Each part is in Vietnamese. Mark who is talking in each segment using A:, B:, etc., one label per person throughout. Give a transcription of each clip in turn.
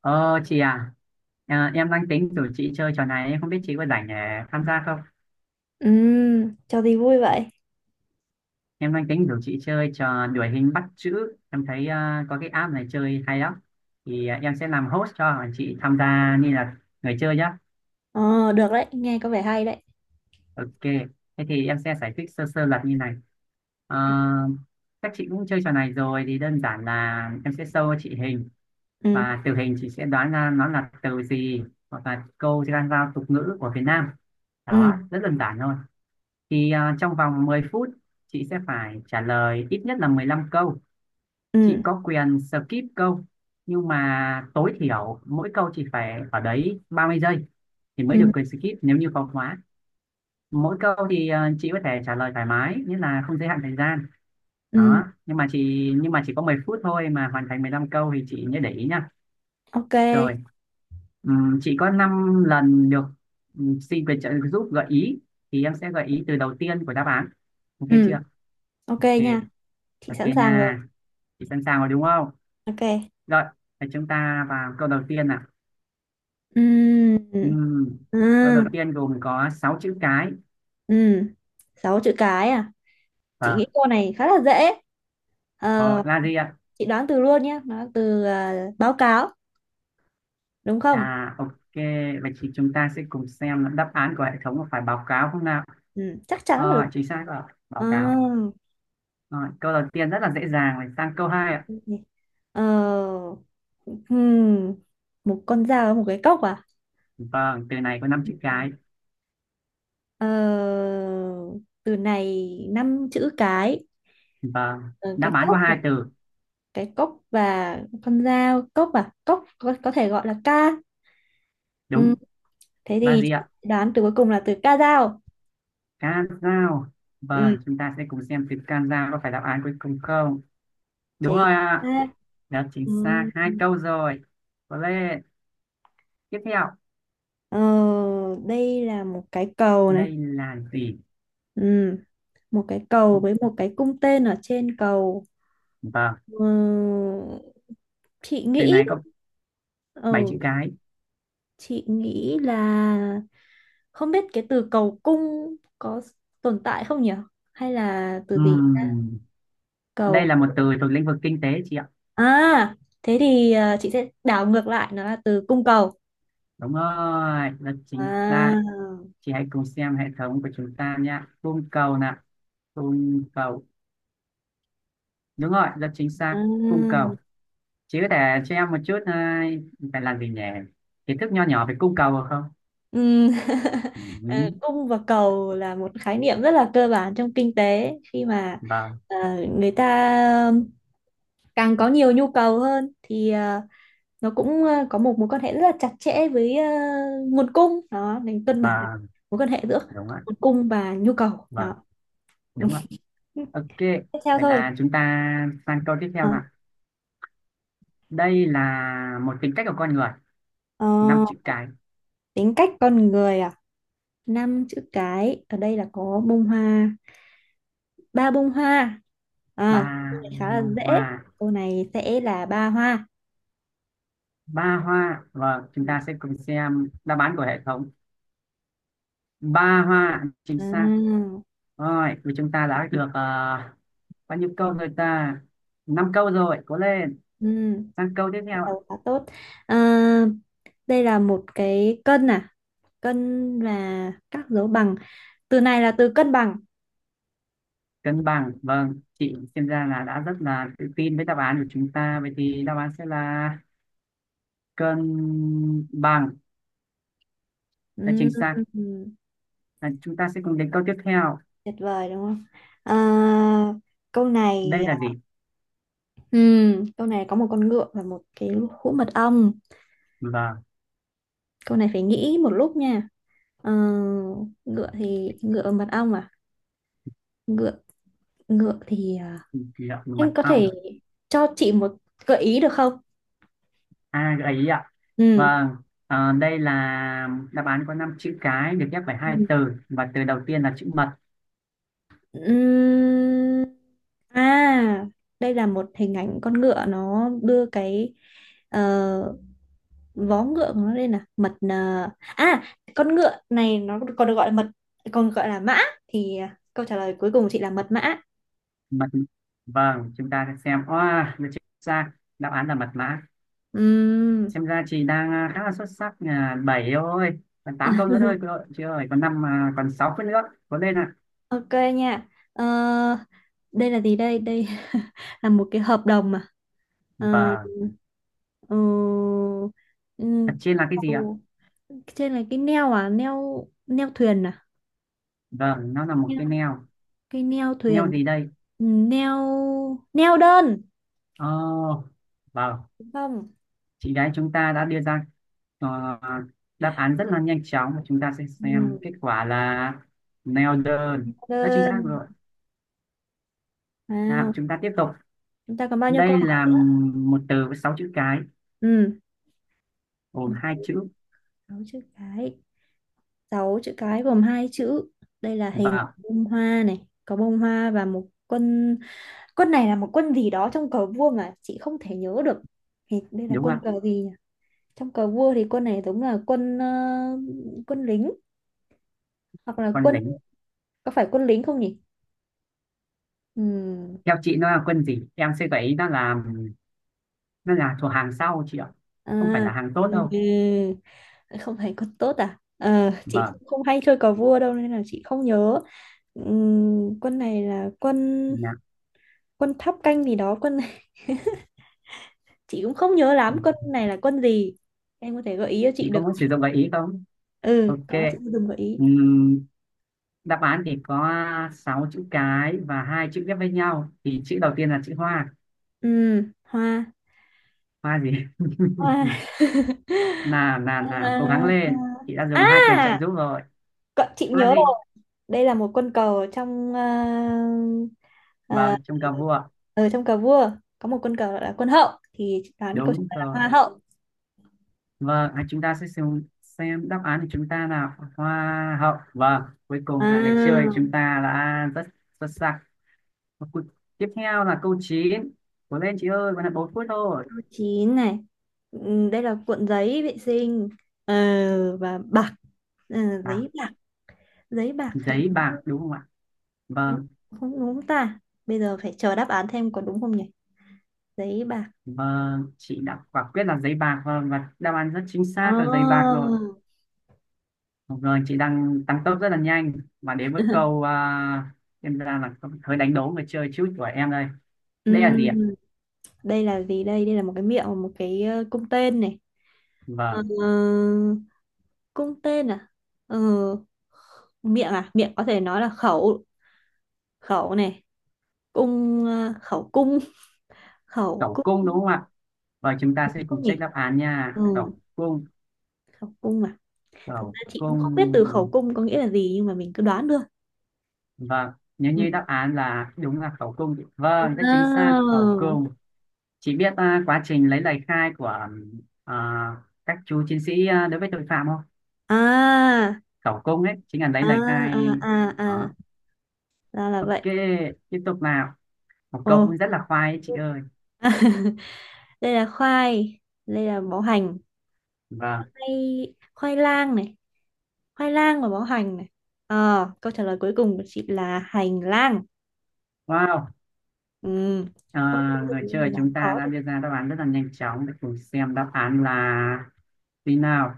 A: Ờ chị à, em đang tính rủ chị chơi trò này, em không biết chị có rảnh để tham gia không?
B: Ừ, cho đi vui vậy.
A: Em đang tính rủ chị chơi trò đuổi hình bắt chữ, em thấy có cái app này chơi hay lắm, em sẽ làm host cho chị tham gia như là người chơi nhá.
B: Ờ, được đấy, nghe có vẻ hay đấy.
A: Ok, thế thì em sẽ giải thích sơ sơ luật như này. Ờ, các chị cũng chơi trò này rồi thì đơn giản là em sẽ show chị hình
B: Ừ,
A: và từ hình chị sẽ đoán ra nó là từ gì hoặc là câu dân gian tục ngữ của Việt Nam
B: ừ,
A: đó, rất đơn giản thôi. Trong vòng 10 phút chị sẽ phải trả lời ít nhất là 15 câu. Chị
B: ừ,
A: có quyền skip câu, nhưng mà tối thiểu mỗi câu chị phải ở đấy 30 giây thì
B: ừ,
A: mới
B: ừ,
A: được quyền skip, nếu như có khóa. Mỗi câu thì chị có thể trả lời thoải mái, nghĩa là không giới hạn thời gian
B: ừ,
A: đó, nhưng mà chỉ có 10 phút thôi mà hoàn thành 15 câu thì chị nhớ để ý nha.
B: ok.
A: Rồi, chị có 5 lần được xin về trợ giúp gợi ý thì em sẽ gợi ý từ đầu tiên của đáp án. Ok
B: Ừ,
A: chưa?
B: ok
A: Ok.
B: nha. Chị
A: Ok
B: sẵn sàng rồi.
A: nha, chị sẵn sàng rồi đúng không?
B: Ok.
A: Rồi thì chúng ta vào câu đầu tiên nào.
B: Ừ,
A: Ừm, câu
B: ừ,
A: đầu tiên gồm có 6 chữ cái.
B: ừ. Sáu chữ cái à?
A: ờ
B: Chị nghĩ câu này khá là dễ.
A: ờ,
B: Ờ,
A: là gì ạ?
B: chị đoán từ luôn nhé. Nó từ báo cáo, đúng không?
A: À ok, vậy thì chúng ta sẽ cùng xem đáp án của hệ thống có phải báo cáo không nào.
B: Ừ, chắc chắn là
A: Ờ,
B: đúng.
A: chính xác rồi,
B: Ờ,
A: báo cáo. Rồi, câu đầu tiên rất là dễ dàng rồi, sang câu hai ạ.
B: ok. ờ, hmm, Một con dao và một cái cốc à?
A: Vâng, từ này có năm chữ cái.
B: Ờ, từ này năm chữ cái.
A: Vâng,
B: Ờ,
A: đáp
B: cái
A: án có
B: cốc à?
A: hai từ.
B: Cái cốc và con dao. Cốc à? Cốc có thể gọi là ca. Ừ.
A: Đúng,
B: Thế
A: ba
B: thì
A: gì
B: chị
A: ạ?
B: đoán từ cuối cùng là từ ca dao.
A: Can dao.
B: Ừ.
A: Vâng, chúng ta sẽ cùng xem từ can dao có phải đáp án cuối cùng không. Đúng
B: Chính
A: rồi ạ.
B: xác.
A: Đó, chính
B: Ừ.
A: xác hai câu rồi. Có lên. Tiếp theo,
B: ờ, Đây là một cái cầu này.
A: đây là gì?
B: Ừ. Một cái cầu với một cái cung tên ở trên cầu.
A: Vâng,
B: Ừ. Chị
A: từ
B: nghĩ.
A: này có 7
B: Ừ.
A: chữ cái.
B: Chị nghĩ là không biết cái từ cầu cung có tồn tại không nhỉ? Hay là từ gì?
A: Ừm, đây
B: Cầu.
A: là một từ thuộc lĩnh vực kinh tế chị ạ.
B: À, thế thì chị sẽ đảo ngược lại nó là từ cung cầu.
A: Đúng rồi, rất chính
B: À.
A: xác. Chị hãy cùng xem hệ thống của chúng ta nhé. Cung cầu nè, cung cầu. Đúng rồi, rất chính xác, cung
B: À.
A: cầu. Chị có thể cho em một chút phải làm gì nhỉ? Kiến thức nho nhỏ về cung cầu được không?
B: Ừm, ờ,
A: Ừ,
B: cung và cầu là một khái niệm rất là cơ bản trong kinh tế, khi mà
A: vâng,
B: ờ, người ta ờ, càng có nhiều nhu cầu hơn thì nó cũng có một mối quan hệ rất là chặt chẽ với nguồn cung đó, nên cân bản là
A: vâng,
B: mối quan hệ giữa
A: đúng ạ,
B: nguồn cung và nhu cầu đó.
A: vâng, đúng ạ. Ok,
B: Tiếp theo
A: vậy
B: thôi.
A: là chúng ta sang câu tiếp theo
B: Ờ,
A: nào. Đây là một tính cách của con người,
B: ờ,
A: năm chữ cái,
B: Tính cách con người à, năm chữ cái, ở đây là có bông hoa, ba bông hoa.
A: ba
B: Câu này khá là
A: mông
B: dễ.
A: hoa,
B: Câu này sẽ là ba hoa.
A: ba hoa. Vâng, chúng ta sẽ cùng xem đáp án của hệ thống. Ba hoa, chính xác.
B: à,
A: Rồi thì chúng ta đã được bao nhiêu câu rồi ta? Năm câu rồi, cố lên,
B: ừ,
A: sang câu tiếp
B: cái
A: theo ạ.
B: đầu khá tốt. à, Đây là một cái cân à, cân là các dấu bằng. Từ này là từ cân bằng.
A: Cân bằng, vâng, chị xem ra là đã rất là tự tin với đáp án của chúng ta, vậy thì đáp án sẽ là cân bằng, là chính
B: Ừm,
A: xác, và chúng ta sẽ cùng đến câu tiếp theo.
B: tuyệt vời đúng không? À, câu
A: Đây
B: này
A: là gì?
B: câu này có một con ngựa và một cái hũ mật ong.
A: Vâng,
B: Câu này phải nghĩ một lúc nha. Ờ, ngựa thì ngựa và mật ong à? Ngựa. ngựa thì à,
A: ngậm mật
B: anh có
A: ong.
B: thể cho chị một gợi ý được không?
A: À, gợi ý ạ?
B: Ừ.
A: Vâng, đây là đáp án có năm chữ cái được ghép bởi hai từ, và từ đầu tiên là chữ mật.
B: Ừm. À, đây là một hình ảnh con ngựa, nó đưa cái ờ, vó ngựa của nó. Đây là mật à? À, con ngựa này nó còn được gọi là mật, còn gọi là mã. Thì câu trả lời cuối cùng của chị là mật mã.
A: Mật, vâng, chúng ta sẽ xem oa được chính xác. Đáp án là mật mã.
B: Ừm,
A: Xem ra chị đang khá là xuất sắc, bảy thôi, còn tám câu nữa thôi, chị ơi, còn năm còn sáu phút nữa, có lên ạ.
B: ok nha. Ờ, đây là gì đây đây là một cái hợp đồng mà. Ờ,
A: Vâng,
B: ờ,
A: thật
B: ừm,
A: trên là cái gì ạ?
B: cầu- trên là cái neo à, neo neo thuyền à,
A: Vâng, nó là một
B: neo,
A: cái neo.
B: cái neo
A: Neo
B: thuyền.
A: gì đây?
B: Neo. Neo đơn,
A: Oh, vâng,
B: đúng không?
A: chị gái chúng ta đã đưa ra ờ, đáp án rất là nhanh chóng, và chúng ta sẽ xem
B: Ừm,
A: kết quả là neo đơn. Rất chính xác
B: đơn.
A: rồi, nào
B: Wow.
A: chúng ta tiếp tục.
B: Chúng ta còn bao nhiêu câu
A: Đây là
B: hỏi?
A: một từ với sáu chữ cái,
B: Ừ,
A: gồm
B: một
A: hai chữ.
B: sáu chữ cái. Sáu chữ cái gồm hai chữ. Đây là hình
A: Vợ
B: bông hoa này, có bông hoa và một quân. Quân này là một quân gì đó trong cờ vua mà chị không thể nhớ được. Thì đây là
A: đúng không
B: quân
A: ạ?
B: cờ gì nhỉ? Trong cờ vua thì quân này giống là quân, quân lính hoặc là
A: Còn
B: quân,
A: lính,
B: có phải quân lính không nhỉ? Ừ.
A: theo chị nó là quân gì, em sẽ gợi ý, nó là thuộc hàng sau chị ạ, không phải
B: À,
A: là hàng tốt
B: ừ.
A: đâu.
B: Không phải quân tốt à? Ờ, chị
A: Vâng.
B: không hay chơi cờ vua đâu nên là chị không nhớ. Quân này là quân
A: Dạ.
B: quân tháp canh gì đó, quân chị cũng không nhớ lắm quân này là quân gì. Em có thể gợi ý cho chị
A: Chị có
B: được
A: muốn sử
B: không?
A: dụng gợi ý không?
B: Ừ,
A: Ok.
B: có, chị sẽ dùng gợi ý.
A: Ừm, đáp án thì có 6 chữ cái và hai chữ ghép với nhau, thì chữ đầu tiên là chữ hoa.
B: Ừ. Hoa.
A: Hoa gì?
B: Hoa.
A: Nào nào nào, cố gắng
B: Hoa,
A: lên,
B: hoa.
A: chị đã dùng hai
B: À,
A: quyền trợ giúp rồi.
B: chị nhớ
A: Hoa gì?
B: rồi. Đây là một quân cờ ờ,
A: Vâng, chung cà vua.
B: ở trong cờ vua có một quân cờ gọi là quân hậu, thì chị đoán câu trả
A: Đúng
B: lời là
A: rồi.
B: hoa hậu.
A: Vâng, chúng ta sẽ xem đáp án của chúng ta là hoa hậu. Vâng, cuối cùng là người chơi chúng
B: À,
A: ta đã rất xuất sắc. Và tiếp theo là câu chín. Cố lên chị ơi, còn là 4 phút thôi.
B: câu chín này. Ừ, đây là cuộn giấy vệ sinh ờ, và bạc.
A: À,
B: Giấy bạc. Giấy bạc hình
A: giấy bạc
B: vuông,
A: đúng không ạ?
B: đúng
A: Vâng,
B: không? Đúng ta, bây giờ phải chờ đáp án thêm có đúng không nhỉ. Giấy bạc.
A: vâng, chị đã quả quyết là giấy bạc, vâng, và đáp án rất chính xác là giấy bạc rồi.
B: Oh.
A: Rồi, chị đang tăng tốc rất là nhanh và đến với câu em ra là hơi đánh đố người chơi chút của em đây. Đây là gì ạ?
B: Ừm, đây là gì đây, đây là một cái miệng, một cái cung tên này. Ờ,
A: Vâng.
B: cung tên à. Ờ, miệng à, miệng có thể nói là khẩu. Khẩu này, cung, khẩu cung. Khẩu
A: Cẩu
B: cung,
A: cung đúng không ạ? Và chúng ta
B: đúng
A: sẽ
B: không
A: cùng check
B: nhỉ?
A: đáp án
B: Ừ,
A: nha. Cẩu cung,
B: khẩu cung à, thực
A: cẩu
B: ra chị cũng
A: cung.
B: không biết từ khẩu cung có nghĩa là gì nhưng mà mình cứ đoán được.
A: Vâng, nếu
B: Ừ.
A: như đáp án là đúng là cẩu cung. Vâng, rất chính xác, cẩu
B: Wow.
A: cung. Chị biết quá trình lấy lời khai của à, các chú chiến sĩ đối với tội phạm không?
B: À,
A: Cẩu cung ấy, chính là lấy
B: à,
A: lời khai.
B: à, à, à,
A: Đó.
B: ra là
A: Ok,
B: vậy.
A: tiếp tục nào. Một
B: Ồ.
A: cậu cũng rất là khoai ấy, chị ơi.
B: Đây là khoai, đây là bó hành.
A: Vâng,
B: Khoai, khoai lang này, khoai lang và bó hành này. Ờ, câu trả lời cuối cùng của chị là hành lang.
A: wow.
B: Ừ,
A: À,
B: không có
A: người
B: gì để
A: chơi chúng
B: làm
A: ta
B: khó
A: đã
B: được.
A: đưa ra đáp án rất là nhanh chóng, để cùng xem đáp án là gì nào.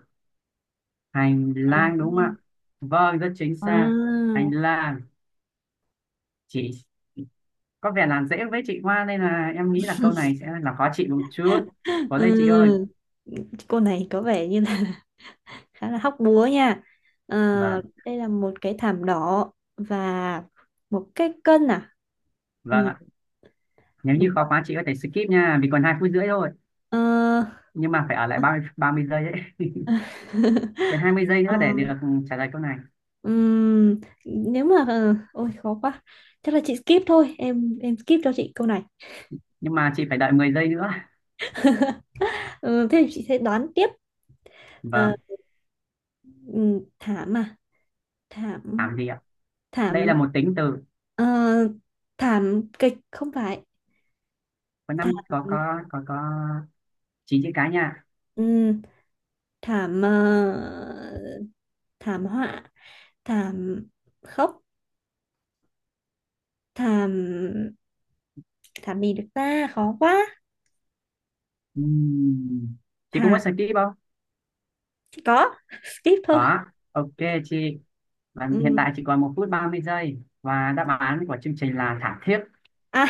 A: Hành
B: Hành
A: lang đúng không ạ?
B: lang.
A: Vâng, rất chính xác, hành
B: Wow.
A: lang. Chị có vẻ làm dễ với chị Hoa nên là em nghĩ là câu này sẽ là khó chị một chút. Cố
B: Ừ,
A: lên chị ơi.
B: cô này có vẻ như là khá là hóc búa nha. Ờ,
A: Vâng,
B: đây là một cái thảm đỏ và một cái cân à.
A: vâng
B: Ừ,
A: ạ. Nếu
B: đúng
A: như
B: rồi.
A: khó quá chị có thể skip nha, vì còn hai phút rưỡi thôi,
B: Ờ,
A: nhưng mà phải ở lại ba mươi giây ấy. Còn 20 giây
B: ờ,
A: nữa để được trả lời câu này.
B: ừm, nếu mà ôi khó quá, chắc là chị skip thôi, em skip cho chị câu này.
A: Nhưng mà chị phải đợi 10 giây nữa.
B: Ờ, thế thì chị sẽ đoán tiếp. Ờ,
A: Vâng,
B: thảm à, thảm,
A: làm gì ạ? Đây
B: thảm,
A: là một tính từ,
B: ờ, thảm kịch không phải,
A: có
B: thảm.
A: năm có chín chữ cái nha.
B: Ừ, thảm ờ, thảm họa, thảm khóc, thảm, thảm gì được ta, khó quá,
A: Ừm, chị cũng muốn
B: thảm,
A: skip không?
B: chỉ có skip thôi.
A: Có, ok chị. Và hiện
B: Ừ.
A: tại chỉ còn một phút 30 giây, và đáp án của chương trình là thảm thiết.
B: À,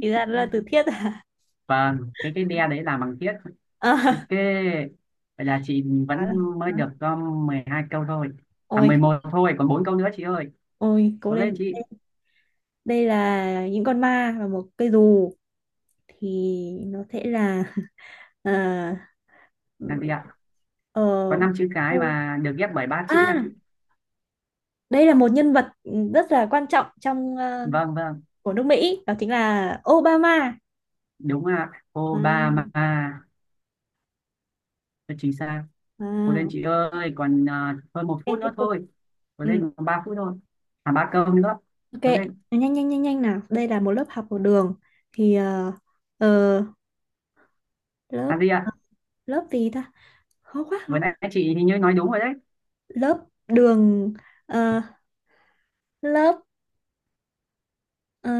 B: thì ra đó là từ thiết à.
A: Vâng, cái đe đấy là bằng thiết.
B: À,
A: Ok. Vậy là chị
B: quá
A: vẫn
B: là,
A: mới được có 12 câu thôi. À,
B: ôi,
A: 11 thôi, còn 4 câu nữa chị ơi.
B: ôi cố
A: Cố
B: lên.
A: lên chị.
B: Đây là những con ma và một cây dù, thì nó sẽ là ờ
A: Làm gì ạ?
B: ờ,
A: Có 5 chữ cái
B: ô-
A: và được ghép bởi 3 chữ nha chị.
B: à, đây là một nhân vật rất là quan trọng trong,
A: Vâng, vâng,
B: của nước Mỹ, đó chính là Obama.
A: đúng ạ.
B: À,
A: Obama. Rất chính xác. Cố lên
B: à,
A: chị ơi, còn hơn một
B: ok,
A: phút
B: tiếp
A: nữa
B: tục.
A: thôi. Cố
B: Ừ,
A: lên, còn 3 phút thôi. À, 3 câu nữa.
B: ok.
A: Cố lên.
B: Nhanh nhanh nhanh nhanh nào, đây là một lớp học ở đường, thì ờ, lớp,
A: Làm gì ạ?
B: lớp gì ta, khó quá khó
A: Vừa
B: quá.
A: nãy chị thì như nói đúng rồi đấy.
B: Lớp đường, ờ, lớp, ờ,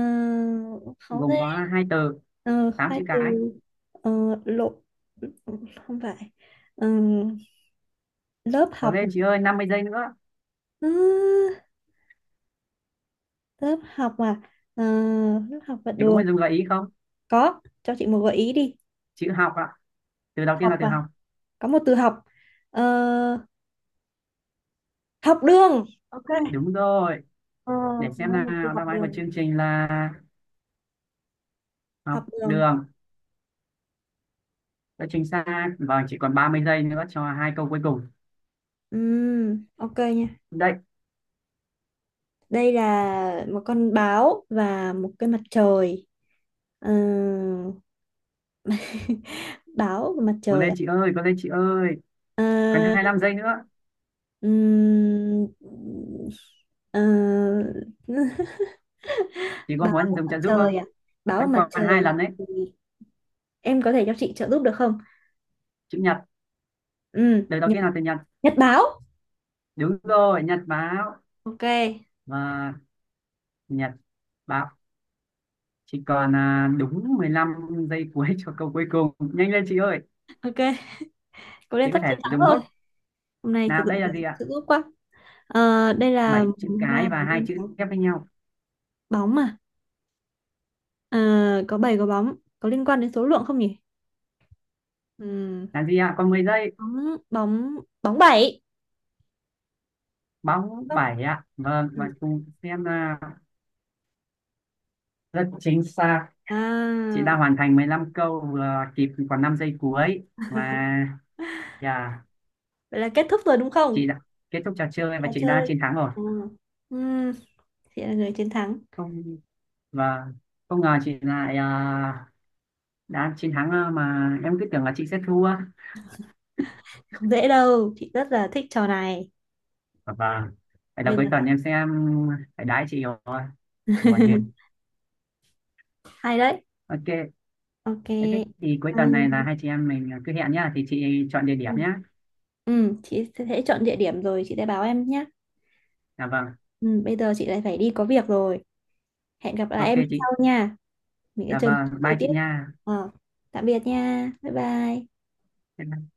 B: khó ghê.
A: Gồm có hai từ,
B: Ờ,
A: tám
B: khai
A: chữ cái.
B: từ, ờ, lộ, không phải. Ờ, lớp
A: Cố
B: học.
A: lên chị ơi, 50 giây nữa.
B: Ơ, lớp học à? Ờ, lớp học và
A: Chị có
B: đường,
A: muốn dùng gợi ý không?
B: có cho chị một gợi ý đi.
A: Chữ học ạ, từ đầu tiên là
B: Học
A: từ
B: à?
A: học.
B: Có một từ học. Ờ, học đường. Ok.
A: Đúng rồi,
B: ờ
A: để
B: nó
A: xem
B: là một từ
A: nào,
B: học
A: đáp án của
B: đường.
A: chương trình là học
B: Học đường.
A: đường, đã chính xác. Vâng, chỉ còn 30 giây nữa cho hai câu cuối cùng.
B: Ok nha.
A: Đây.
B: Đây là một con báo và một cái mặt trời. Ờ, báo và mặt
A: Cố
B: trời à?
A: lên chị ơi, cố lên chị ơi,
B: Ờ,
A: còn 25 giây nữa.
B: ừm, ờ,
A: Chị có
B: báo
A: muốn
B: và
A: dùng
B: mặt
A: trợ giúp
B: trời
A: không?
B: à, báo và
A: Vẫn
B: mặt
A: còn hai
B: trời
A: lần đấy.
B: thì em có thể cho chị trợ giúp được không?
A: Chữ nhật,
B: Ừ,
A: từ đầu
B: nhật,
A: tiên là từ nhật.
B: nhật báo.
A: Đúng rồi, nhật báo.
B: ok
A: Và nhật báo. Chỉ còn đúng 15 giây cuối cho câu cuối cùng. Nhanh lên chị ơi,
B: ok cố
A: chị
B: lên,
A: có
B: sắp chiến
A: thể
B: thắng
A: dùng nốt.
B: rồi. Hôm nay thực
A: Nào,
B: sự
A: đây
B: là
A: là gì ạ?
B: sự ước quá. Ờ, đây là
A: Bảy chữ
B: ba,
A: cái và
B: bốn,
A: hai
B: năm,
A: chữ
B: sáu,
A: ghép với nhau.
B: bóng mà. Ờ, có 7 có bóng. Có liên quan đến số lượng không nhỉ? Ừm,
A: Là gì ạ? Còn 10 giây.
B: Bóng, bóng, bóng bảy.
A: Bóng
B: Không.
A: bảy ạ. Vâng, và
B: Ừ.
A: cùng xem là rất chính xác. Chị
B: À,
A: đã hoàn thành 15 câu vừa kịp, còn 5 giây cuối. Và yeah,
B: vậy là kết thúc rồi đúng không?
A: chị đã kết thúc trò chơi
B: Trò
A: và chị đã
B: chơi.
A: chiến thắng rồi.
B: À. Ừm, chị là người chiến thắng.
A: Không, và không ngờ chị lại đã chiến thắng, mà em cứ tưởng là chị sẽ thua.
B: Không dễ đâu. Chị rất là thích trò này.
A: Và vậy là
B: Bây giờ
A: cuối tuần em sẽ phải đái chị rồi, buồn đi.
B: hay đấy.
A: Ok, thế
B: Ok.
A: thế thì cuối
B: Ờ,
A: tuần này là hai chị em mình cứ hẹn nhá, thì chị chọn địa điểm
B: ừ.
A: nhá.
B: Ừ, chị sẽ chọn địa điểm rồi chị sẽ báo em nhé.
A: Dạ vâng.
B: Ừ, bây giờ chị lại phải đi có việc rồi. Hẹn gặp lại
A: Ok
B: em
A: chị.
B: sau nha. Mình sẽ
A: Dạ
B: chơi một trò
A: vâng,
B: chơi
A: bye chị
B: tiếp.
A: nha.
B: Ờ, tạm biệt nha. Bye bye.
A: Bye bye.